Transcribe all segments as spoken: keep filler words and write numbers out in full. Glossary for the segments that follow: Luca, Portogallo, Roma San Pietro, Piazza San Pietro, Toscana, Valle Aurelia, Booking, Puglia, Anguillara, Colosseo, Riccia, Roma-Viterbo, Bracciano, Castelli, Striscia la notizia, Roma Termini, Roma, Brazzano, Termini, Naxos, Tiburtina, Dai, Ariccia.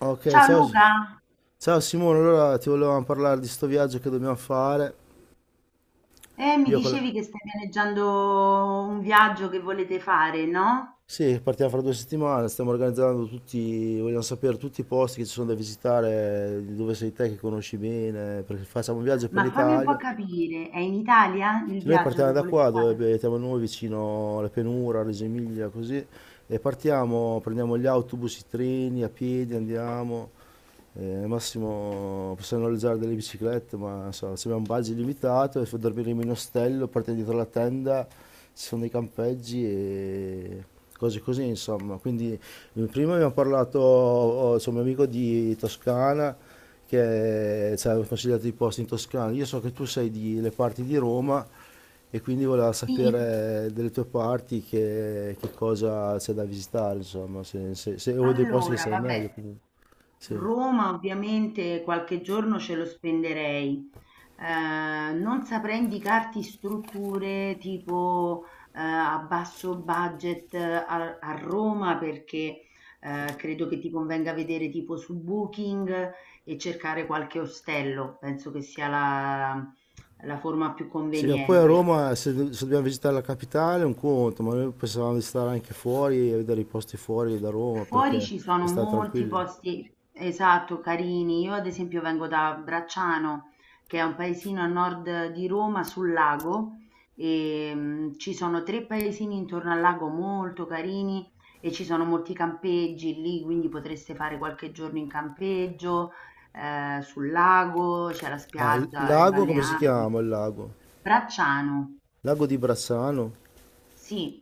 Ok, Ciao ciao. S- Luca, Ciao Simone, allora ti volevamo parlare di sto viaggio che dobbiamo fare. eh, mi Io con la- dicevi che stai pianeggiando un viaggio che volete fare, no? Sì, partiamo fra due settimane, stiamo organizzando tutti, vogliamo sapere tutti i posti che ci sono da visitare, di dove sei te che conosci bene, perché facciamo un viaggio per Ma fammi un po' l'Italia. capire, è in Italia il Se noi viaggio partiamo che da volete qua, dove fare? abitiamo noi, vicino alla pianura, Reggio Emilia, così, e partiamo, prendiamo gli autobus, i treni, a piedi andiamo, eh, al massimo possiamo noleggiare delle biciclette, ma non so, se abbiamo un budget limitato, e dormiremo in ostello, partiamo dietro la tenda, ci sono dei campeggi e cose così, insomma. Quindi eh, prima abbiamo parlato, ho- ho- c'è un mio amico di Toscana, che ci consigliato i posti in Toscana. Io so che tu sei delle parti di Roma e quindi volevo Sì, sapere delle tue parti che, che cosa c'è da visitare, insomma, se, se, se- o dei posti che allora, sai meglio vabbè. comunque. Sì. Roma ovviamente qualche giorno ce lo spenderei. Eh, non saprei indicarti strutture tipo eh, a basso budget eh, a, a Roma perché eh, credo che ti convenga vedere tipo su Booking e cercare qualche ostello, penso che sia la la forma più Sì, ma poi a conveniente. Roma se, se dobbiamo visitare la capitale è un conto, ma noi pensavamo di stare anche fuori e vedere i posti fuori da Roma Fuori perché ci sono per stare molti tranquilli. posti, esatto, carini. Io ad esempio vengo da Bracciano, che è un paesino a nord di Roma sul lago, e mm, ci sono tre paesini intorno al lago molto carini e ci sono molti campeggi lì, quindi potreste fare qualche giorno in campeggio, eh, sul lago, c'è la Ah, il spiaggia, è lago, come si balneabile. chiama il lago? Bracciano. Lago di Bracciano? Sì,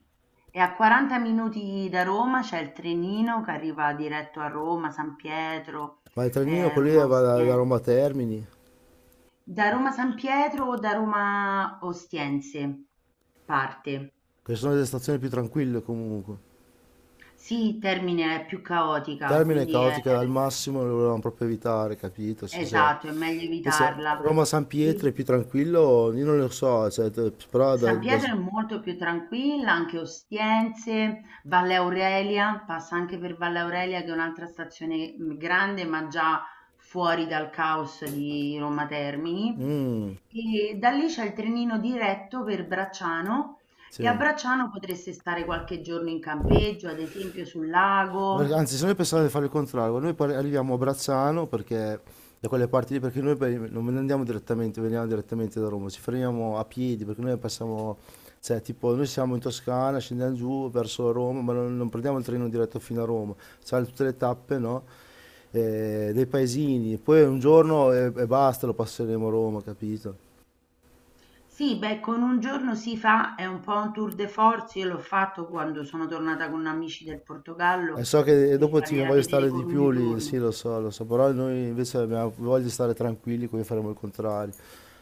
e a quaranta minuti da Roma c'è il trenino che arriva diretto a Roma, San Pietro, Ma il trenino eh, quello lì Roma va da, da Ostiense. Roma a Termini. Da Roma San Pietro o da Roma Ostiense parte. Queste sono delle stazioni più tranquille comunque. Sì, Termine è più caotica, Termine quindi è caotica al massimo lo volevamo proprio evitare, capito? Se- se- esatto, è meglio Invece evitarla. Roma-San E- Pietro è più tranquillo, io non lo so, cioè, t- però da... San da... Pietro è molto più tranquilla, anche Ostiense, Valle Aurelia, passa anche per Valle Aurelia che è un'altra stazione mh, grande, ma già fuori dal caos di Roma Termini. Mm, E da lì c'è il trenino diretto per Bracciano e a sì. Bracciano potreste stare qualche giorno in campeggio, ad esempio sul lago. Anzi, se noi pensavamo e di fare il contrario, noi poi arriviamo a Brazzano perché da quelle parti lì, perché noi poi non andiamo direttamente, veniamo direttamente da Roma, ci fermiamo a piedi perché noi passiamo, cioè tipo noi siamo in Toscana, scendiamo giù verso Roma, ma non, non prendiamo il treno diretto fino a Roma, c'è tutte le tappe, no? Eh, dei paesini, poi un giorno e, e basta, lo passeremo a Roma, capito? Sì, beh, con un giorno si fa, è un po' un tour de force. Io l'ho fatto quando sono tornata con amici del E Portogallo so che per dopo ti fargliela voglio vedere stare di con un più lì, sì, giorno. lo so, lo so, però noi invece abbiamo voglia di stare tranquilli, quindi faremo il contrario.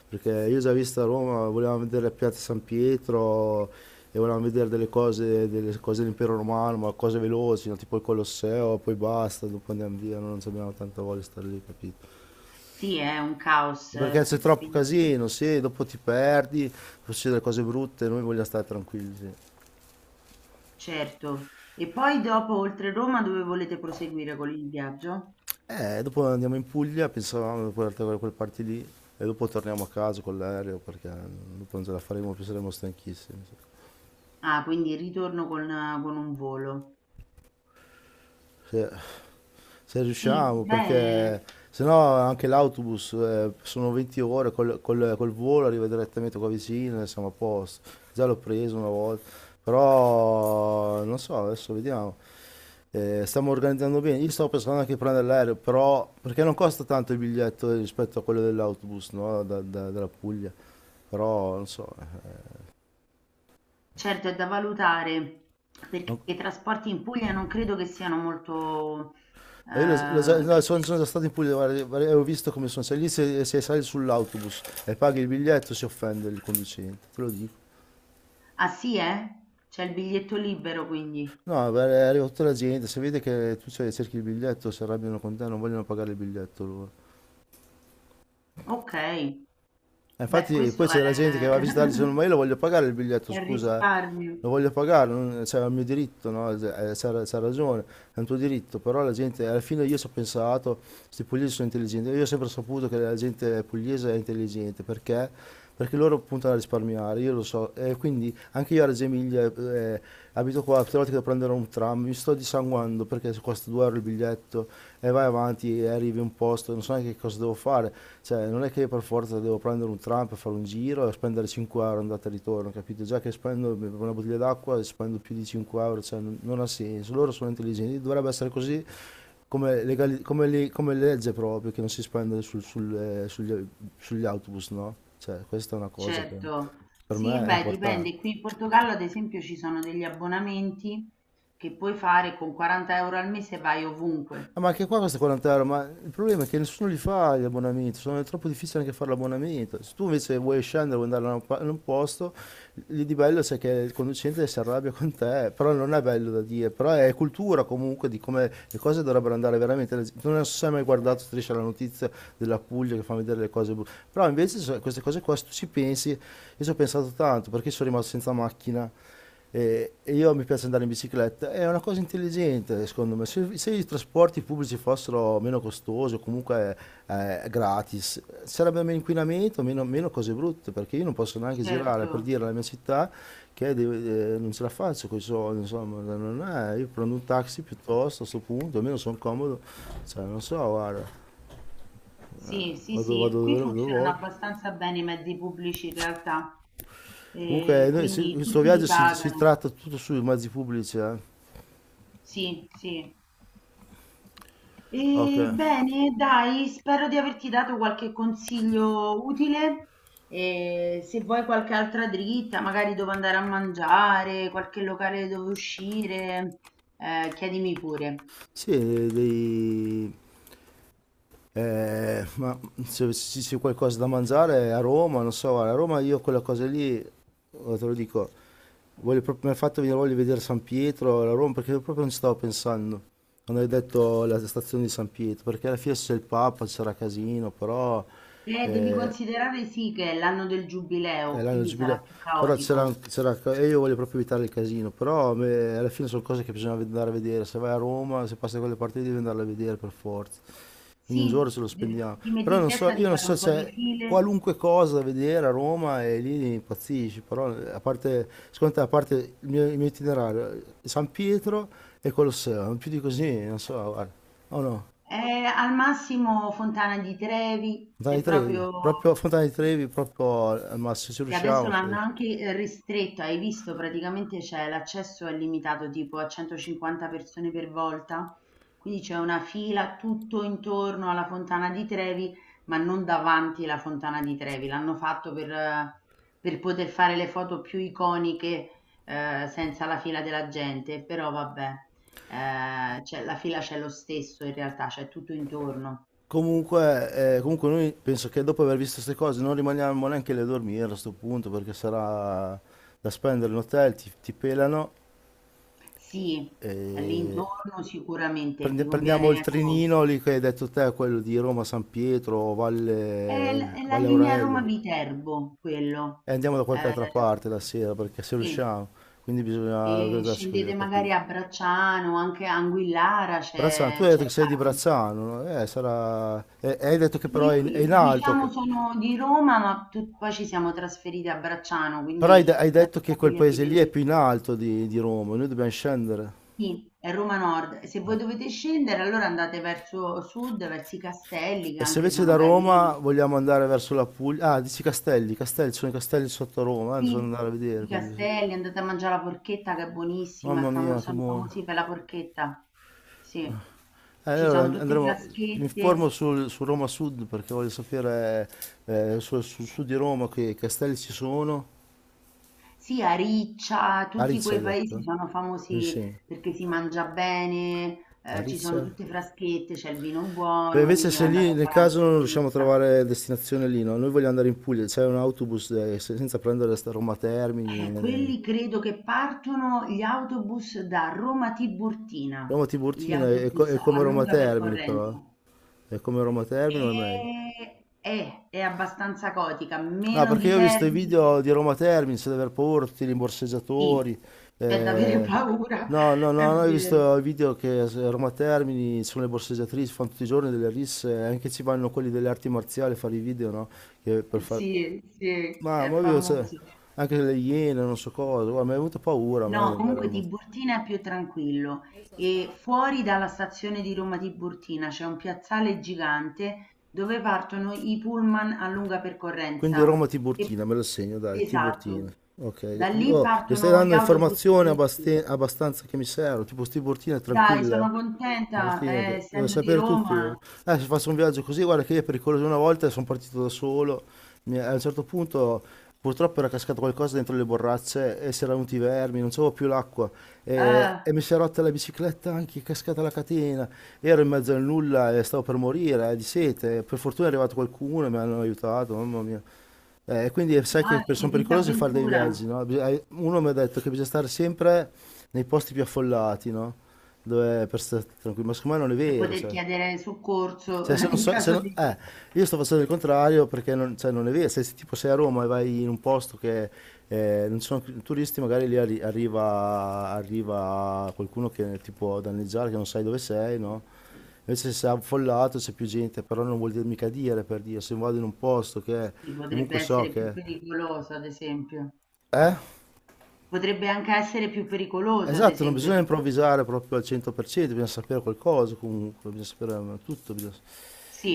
Perché io ho già visto a Roma, volevamo vedere la Piazza San Pietro e volevamo vedere delle cose, delle cose dell'impero romano, ma cose veloci, no? Tipo il Colosseo, poi basta, dopo andiamo via, no? Non abbiamo tanta voglia di stare lì, capito? Sì, è un caos, Perché eh, c'è sì, troppo quindi casino, sì, dopo ti perdi, succedono cose brutte, noi vogliamo stare tranquilli, sì. certo. E poi dopo, oltre Roma, dove volete proseguire con il viaggio? Eh, dopo andiamo in Puglia, pensavamo di portare da quelle parti lì e dopo torniamo a casa con l'aereo perché dopo non ce la faremo più, saremo stanchissimi. Sì. Ah, quindi il ritorno con, con, un volo. Se, se Sì, riusciamo, beh, perché se no anche l'autobus eh, sono 20 ore, col, col- col volo arriva direttamente qua vicino e siamo a posto. Già l'ho preso una volta, però non so, adesso vediamo. Eh, stiamo organizzando bene. Io stavo pensando anche di prendere l'aereo, però perché non costa tanto il biglietto rispetto a quello dell'autobus, no? Da- da- dalla Puglia. Però non so, eh, certo è da valutare perché non- i trasporti in Puglia non credo che siano molto, Ma io lo- lo sa- eh, no, che sono, sono già stato in Puglia, guarda, guarda, ho visto come sono. Se lì se, se sali sull'autobus e paghi il biglietto si offende il conducente, te lo dico. Ah sì, eh? C'è il biglietto libero quindi. No, beh, arriva tutta la gente, se vede che tu ce- cerchi il biglietto si arrabbiano con te, non vogliono pagare il biglietto loro. Okay. Eh, Beh, Infatti poi questo è c'è della gente che va a visitare e dice ma io lo voglio pagare il biglietto, è il scusa, eh. risparmio. Lo voglio pagare, non- cioè, è il mio diritto, no? Eh, C'ha c'ha ragione, è un tuo diritto, però la gente, alla fine io ci ho pensato, questi pugliesi sono intelligenti, io ho sempre saputo che la gente pugliese è intelligente, perché? Perché loro puntano a risparmiare, io lo so, e quindi anche io a Reggio Emilia eh, abito qua, tutte le volte che devo prendere un un tram, mi sto dissanguando perché costa due euro il biglietto e vai avanti e arrivi a un posto, non so neanche cosa devo fare, cioè non è che per forza devo prendere un tram per fare un giro e spendere cinque euro andata e ritorno, capito? Già che spendo per una bottiglia d'acqua spendo più di cinque euro, cioè non, non ha senso, loro sono intelligenti, dovrebbe essere così come, legali- come, le- come legge proprio che non si spende sul- sul, eh, sugli, sugli autobus, no? Cioè questa è una cosa che Certo. per Sì, me è beh, importante. dipende. Qui in Portogallo, ad esempio, ci sono degli abbonamenti che puoi fare con quaranta euro € al mese e vai ovunque. Ah, ma anche qua costa quaranta euro, ma il problema è che nessuno li fa gli abbonamenti, sono è troppo difficile anche fare l'abbonamento. Se tu invece vuoi scendere, vuoi andare da un pa- in un posto, lì di bello c'è che il conducente si arrabbia con te, però non è bello da dire, però è cultura comunque di come le cose dovrebbero andare veramente. La- Non so se hai mai guardato Striscia la notizia della Puglia che fa vedere le cose brutte, però invece so- queste cose qua, se tu ci pensi, io ci ho pensato tanto perché sono rimasto senza macchina. E e io mi piace andare in bicicletta, è una cosa intelligente secondo me. Se, se i trasporti pubblici fossero meno costosi o comunque eh, gratis, sarebbe meno inquinamento, meno, meno cose brutte, perché io non posso neanche girare per Certo. dire alla mia città che deve- eh, non ce la faccio con i soldi, insomma, non è, io prendo un taxi piuttosto a sto punto, almeno sono comodo, cioè, non so, guarda, Sì, sì, vado, sì. vado Qui dove, dove funzionano voglio. abbastanza bene i mezzi pubblici in realtà. Comunque, Ehm, noi- se- quindi questo tutti li viaggio si, si pagano. tratta tutto sui mezzi pubblici, eh. Sì, sì. Ok. E bene, dai, spero di averti dato qualche consiglio utile. E se vuoi qualche altra dritta, magari dove andare a mangiare, qualche locale dove uscire, eh, chiedimi pure. Sì, dei, eh, ma se, se c'è qualcosa da mangiare a Roma, non so, guarda, a Roma io quella cosa lì, oh, te lo dico, voglio proprio, mi ha fatto venire voglia di vedere San Pietro, la Roma, perché proprio non ci stavo pensando, quando hai detto la stazione di San Pietro, perché alla fine c'è il Papa, c'era casino, però Eh, devi considerare sì che è l'anno del giubileo, è l'anno del quindi sarà giubileo, più però c'era, caotico. c'era, e io voglio proprio evitare il casino, però a me- alla fine sono cose che bisogna andare a vedere, se vai a Roma, se passi da quelle parti lì, devi andarle a vedere per forza. Quindi un giorno Sì, ce lo de- spendiamo. ti metti Però in non so, testa di io non fare so, un po' di c'è file. qualunque cosa da vedere a Roma e lì impazzisci, però a parte, secondo te, a parte il mio, il mio itinerario, San Pietro e Colosseo, non più di così, non so, guarda. Oh no, Eh, al massimo Fontana di Trevi, Fontana se di Trevi, proprio proprio Fontana di Trevi, proprio al massimo, ci che adesso riusciamo. l'hanno anche eh, ristretto, hai visto praticamente c'è l'accesso è limitato tipo a centocinquanta persone per volta, quindi c'è una fila tutto intorno alla Fontana di Trevi, ma non davanti alla Fontana di Trevi, l'hanno fatto per, eh, per poter fare le foto più iconiche eh, senza la fila della gente, però vabbè, eh, c'è- la fila c'è lo stesso in realtà, c'è tutto intorno. Comunque, eh, comunque noi penso che dopo aver visto queste cose non rimaniamo neanche lì a dormire a questo punto perché sarà da spendere in hotel, ti, ti pelano Sì, e all'intorno sicuramente Prendi- vi conviene, prendiamo il ecco. trinino lì che hai detto te, quello di Roma, San Pietro, È l Valle, è la Valle linea Aurelia, Roma-Viterbo quello. e andiamo da qualche Ehm, altra parte la sera perché se sì. riusciamo, quindi bisogna E organizzarsi così, scendete ho magari capito. a Bracciano, anche a Anguillara Brazzano, tu c'è hai c'è detto che sei di l'Ape. Brazzano, no? Eh, sarà... e- e hai detto che però è Io, in, è in i diciamo alto, sono di Roma, ma tu poi ci siamo trasferiti a Bracciano, però hai, quindi de- hai la detto mia che quel famiglia paese vive lì è lì. più in alto di, di Roma, noi dobbiamo scendere. Sì, è Roma Nord. Se voi dovete scendere, allora andate verso sud, verso i castelli, che E se anche invece da sono Roma carini. vogliamo andare verso la Puglia, ah, dici Castelli, Castelli, ci sono i castelli sotto Roma, eh, bisogna Sì, andare a vedere i quelli lì. castelli, andate a mangiare la porchetta che è buonissima, è Mamma famo- mia, che sono buono. famosi per la porchetta. Sì, Eh, ci Allora sono and- tutte andremo, mi informo fiaschette, sul- su Roma Sud perché voglio sapere eh, sul sul sud di Roma che castelli ci sono. sì, a Riccia, tutti Ariccia hai quei paesi detto? sono Mi famosi sembra. perché si mangia bene, eh, ci Ariccia? sono tutte fraschette, c'è il vino Beh, buono, invece quindi se andate lì a nel fare una caso non riusciamo a porchetta. trovare destinazione lì, no? Noi vogliamo andare in Puglia, c'è un autobus eh, se- senza prendere sta Roma Termini. Eh, eh. eh. quelli credo che partono gli autobus da Roma a Tiburtina, Roma gli Tiburtina è, co- autobus è a come Roma lunga Termini percorrenza. però. È come Roma Termini o è meglio? Ehm, è, è abbastanza gotica, No, meno perché di io ho visto i video Termini, di Roma Termini, di aver paura, tutti i sì, rimborseggiatori. c'è da avere eh, paura, No, no, è no, no, ho vero. visto i video che a Roma Termini sono le borseggiatrici, fanno tutti i giorni delle risse, anche ci vanno quelli delle arti marziali a fare i video, no? Che per fare... Sì, sì, Ma, è ma io, cioè, famoso. anche le iene, non so cosa, guarda, mi è venuta paura a me di No, andare a comunque Roma. Tiburtina è più tranquillo e fuori dalla stazione di Roma Tiburtina c'è un piazzale gigante dove partono i pullman a lunga Quindi percorrenza. Roma E- Tiburtina, me lo segno, dai, Tiburtina. esatto, Ok, da lì oh, mi stai partono gli dando autobus informazioni del abbast- abbastanza che mi servono, tipo Tiburtina è Dai, tranquilla. sono Eh? contenta, Portini, eh, che- devo essendo di sapere tutto io. Roma, Eh, se faccio un viaggio così, guarda che io è pericoloso una volta sono partito da solo. Mi- a un certo punto purtroppo era cascato qualcosa dentro le borracce e si erano venuti i vermi, non c'avevo più l'acqua e, eh, e mi si è rotta la bicicletta anche, è cascata la catena. Ero in mezzo al nulla e stavo per morire eh, di sete. Per fortuna è arrivato qualcuno e mi hanno aiutato, mamma mia. Eh, quindi sai che ma per- che sono pericolose fare dei disavventura viaggi, no? Bis- hai- Uno mi ha detto che bisogna stare sempre nei posti più affollati, no? Dove per stare tranquilli, ma secondo me non è per vero, poter cioè. chiedere soccorso Se, se non in so- se caso non- di. Eh, io sto facendo il contrario perché non, cioè, non è vero. Se, se tipo sei a Roma e vai in un posto che eh, non ci sono turisti, magari lì arri- arriva, arriva qualcuno che ti può danneggiare, che non sai dove sei, no? Invece se è affollato c'è più gente, però non vuol dire mica dire per dire, se vado in un posto che Sì, comunque potrebbe so essere più che pericoloso, ad esempio. eh? Potrebbe anche essere più pericoloso, ad Esatto, non esempio. bisogna Tipo. improvvisare proprio al cento per cento, bisogna sapere qualcosa comunque, bisogna sapere eh, tutto. bisogna-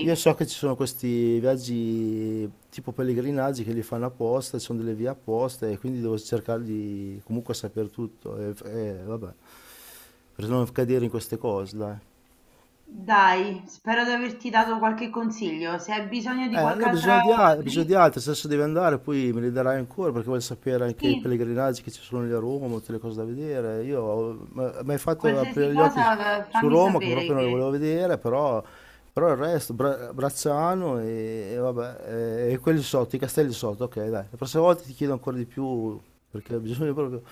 Io so che ci sono questi viaggi tipo pellegrinaggi che li fanno apposta, ci sono delle vie apposta e quindi devo cercare di comunque sapere tutto e, e vabbè, per non cadere in queste cose, dai. dai, spero di averti dato qualche consiglio. Se hai bisogno di Eh, ne qualche ho bisogno altra di, al- ho bisogno di dritta, altri, se adesso devi andare poi me li darai ancora perché voglio sapere anche i sì, pellegrinaggi che ci sono lì a Roma, tutte le cose da vedere. Io ho- m- mi hai fatto qualsiasi aprire gli occhi su, cosa, eh, su fammi Roma che proprio sapere non le che volevo vedere, però, però il resto, Bra- Bracciano e, e vabbè, e, e quelli sotto, i castelli sotto, ok dai, la prossima volta ti chiedo ancora di più perché ho bisogno proprio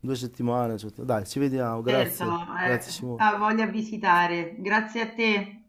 due settimane, cioè, dai, ci vediamo, Certo, grazie, grazie eh, ha Simone. voglia a visitare. Grazie a te.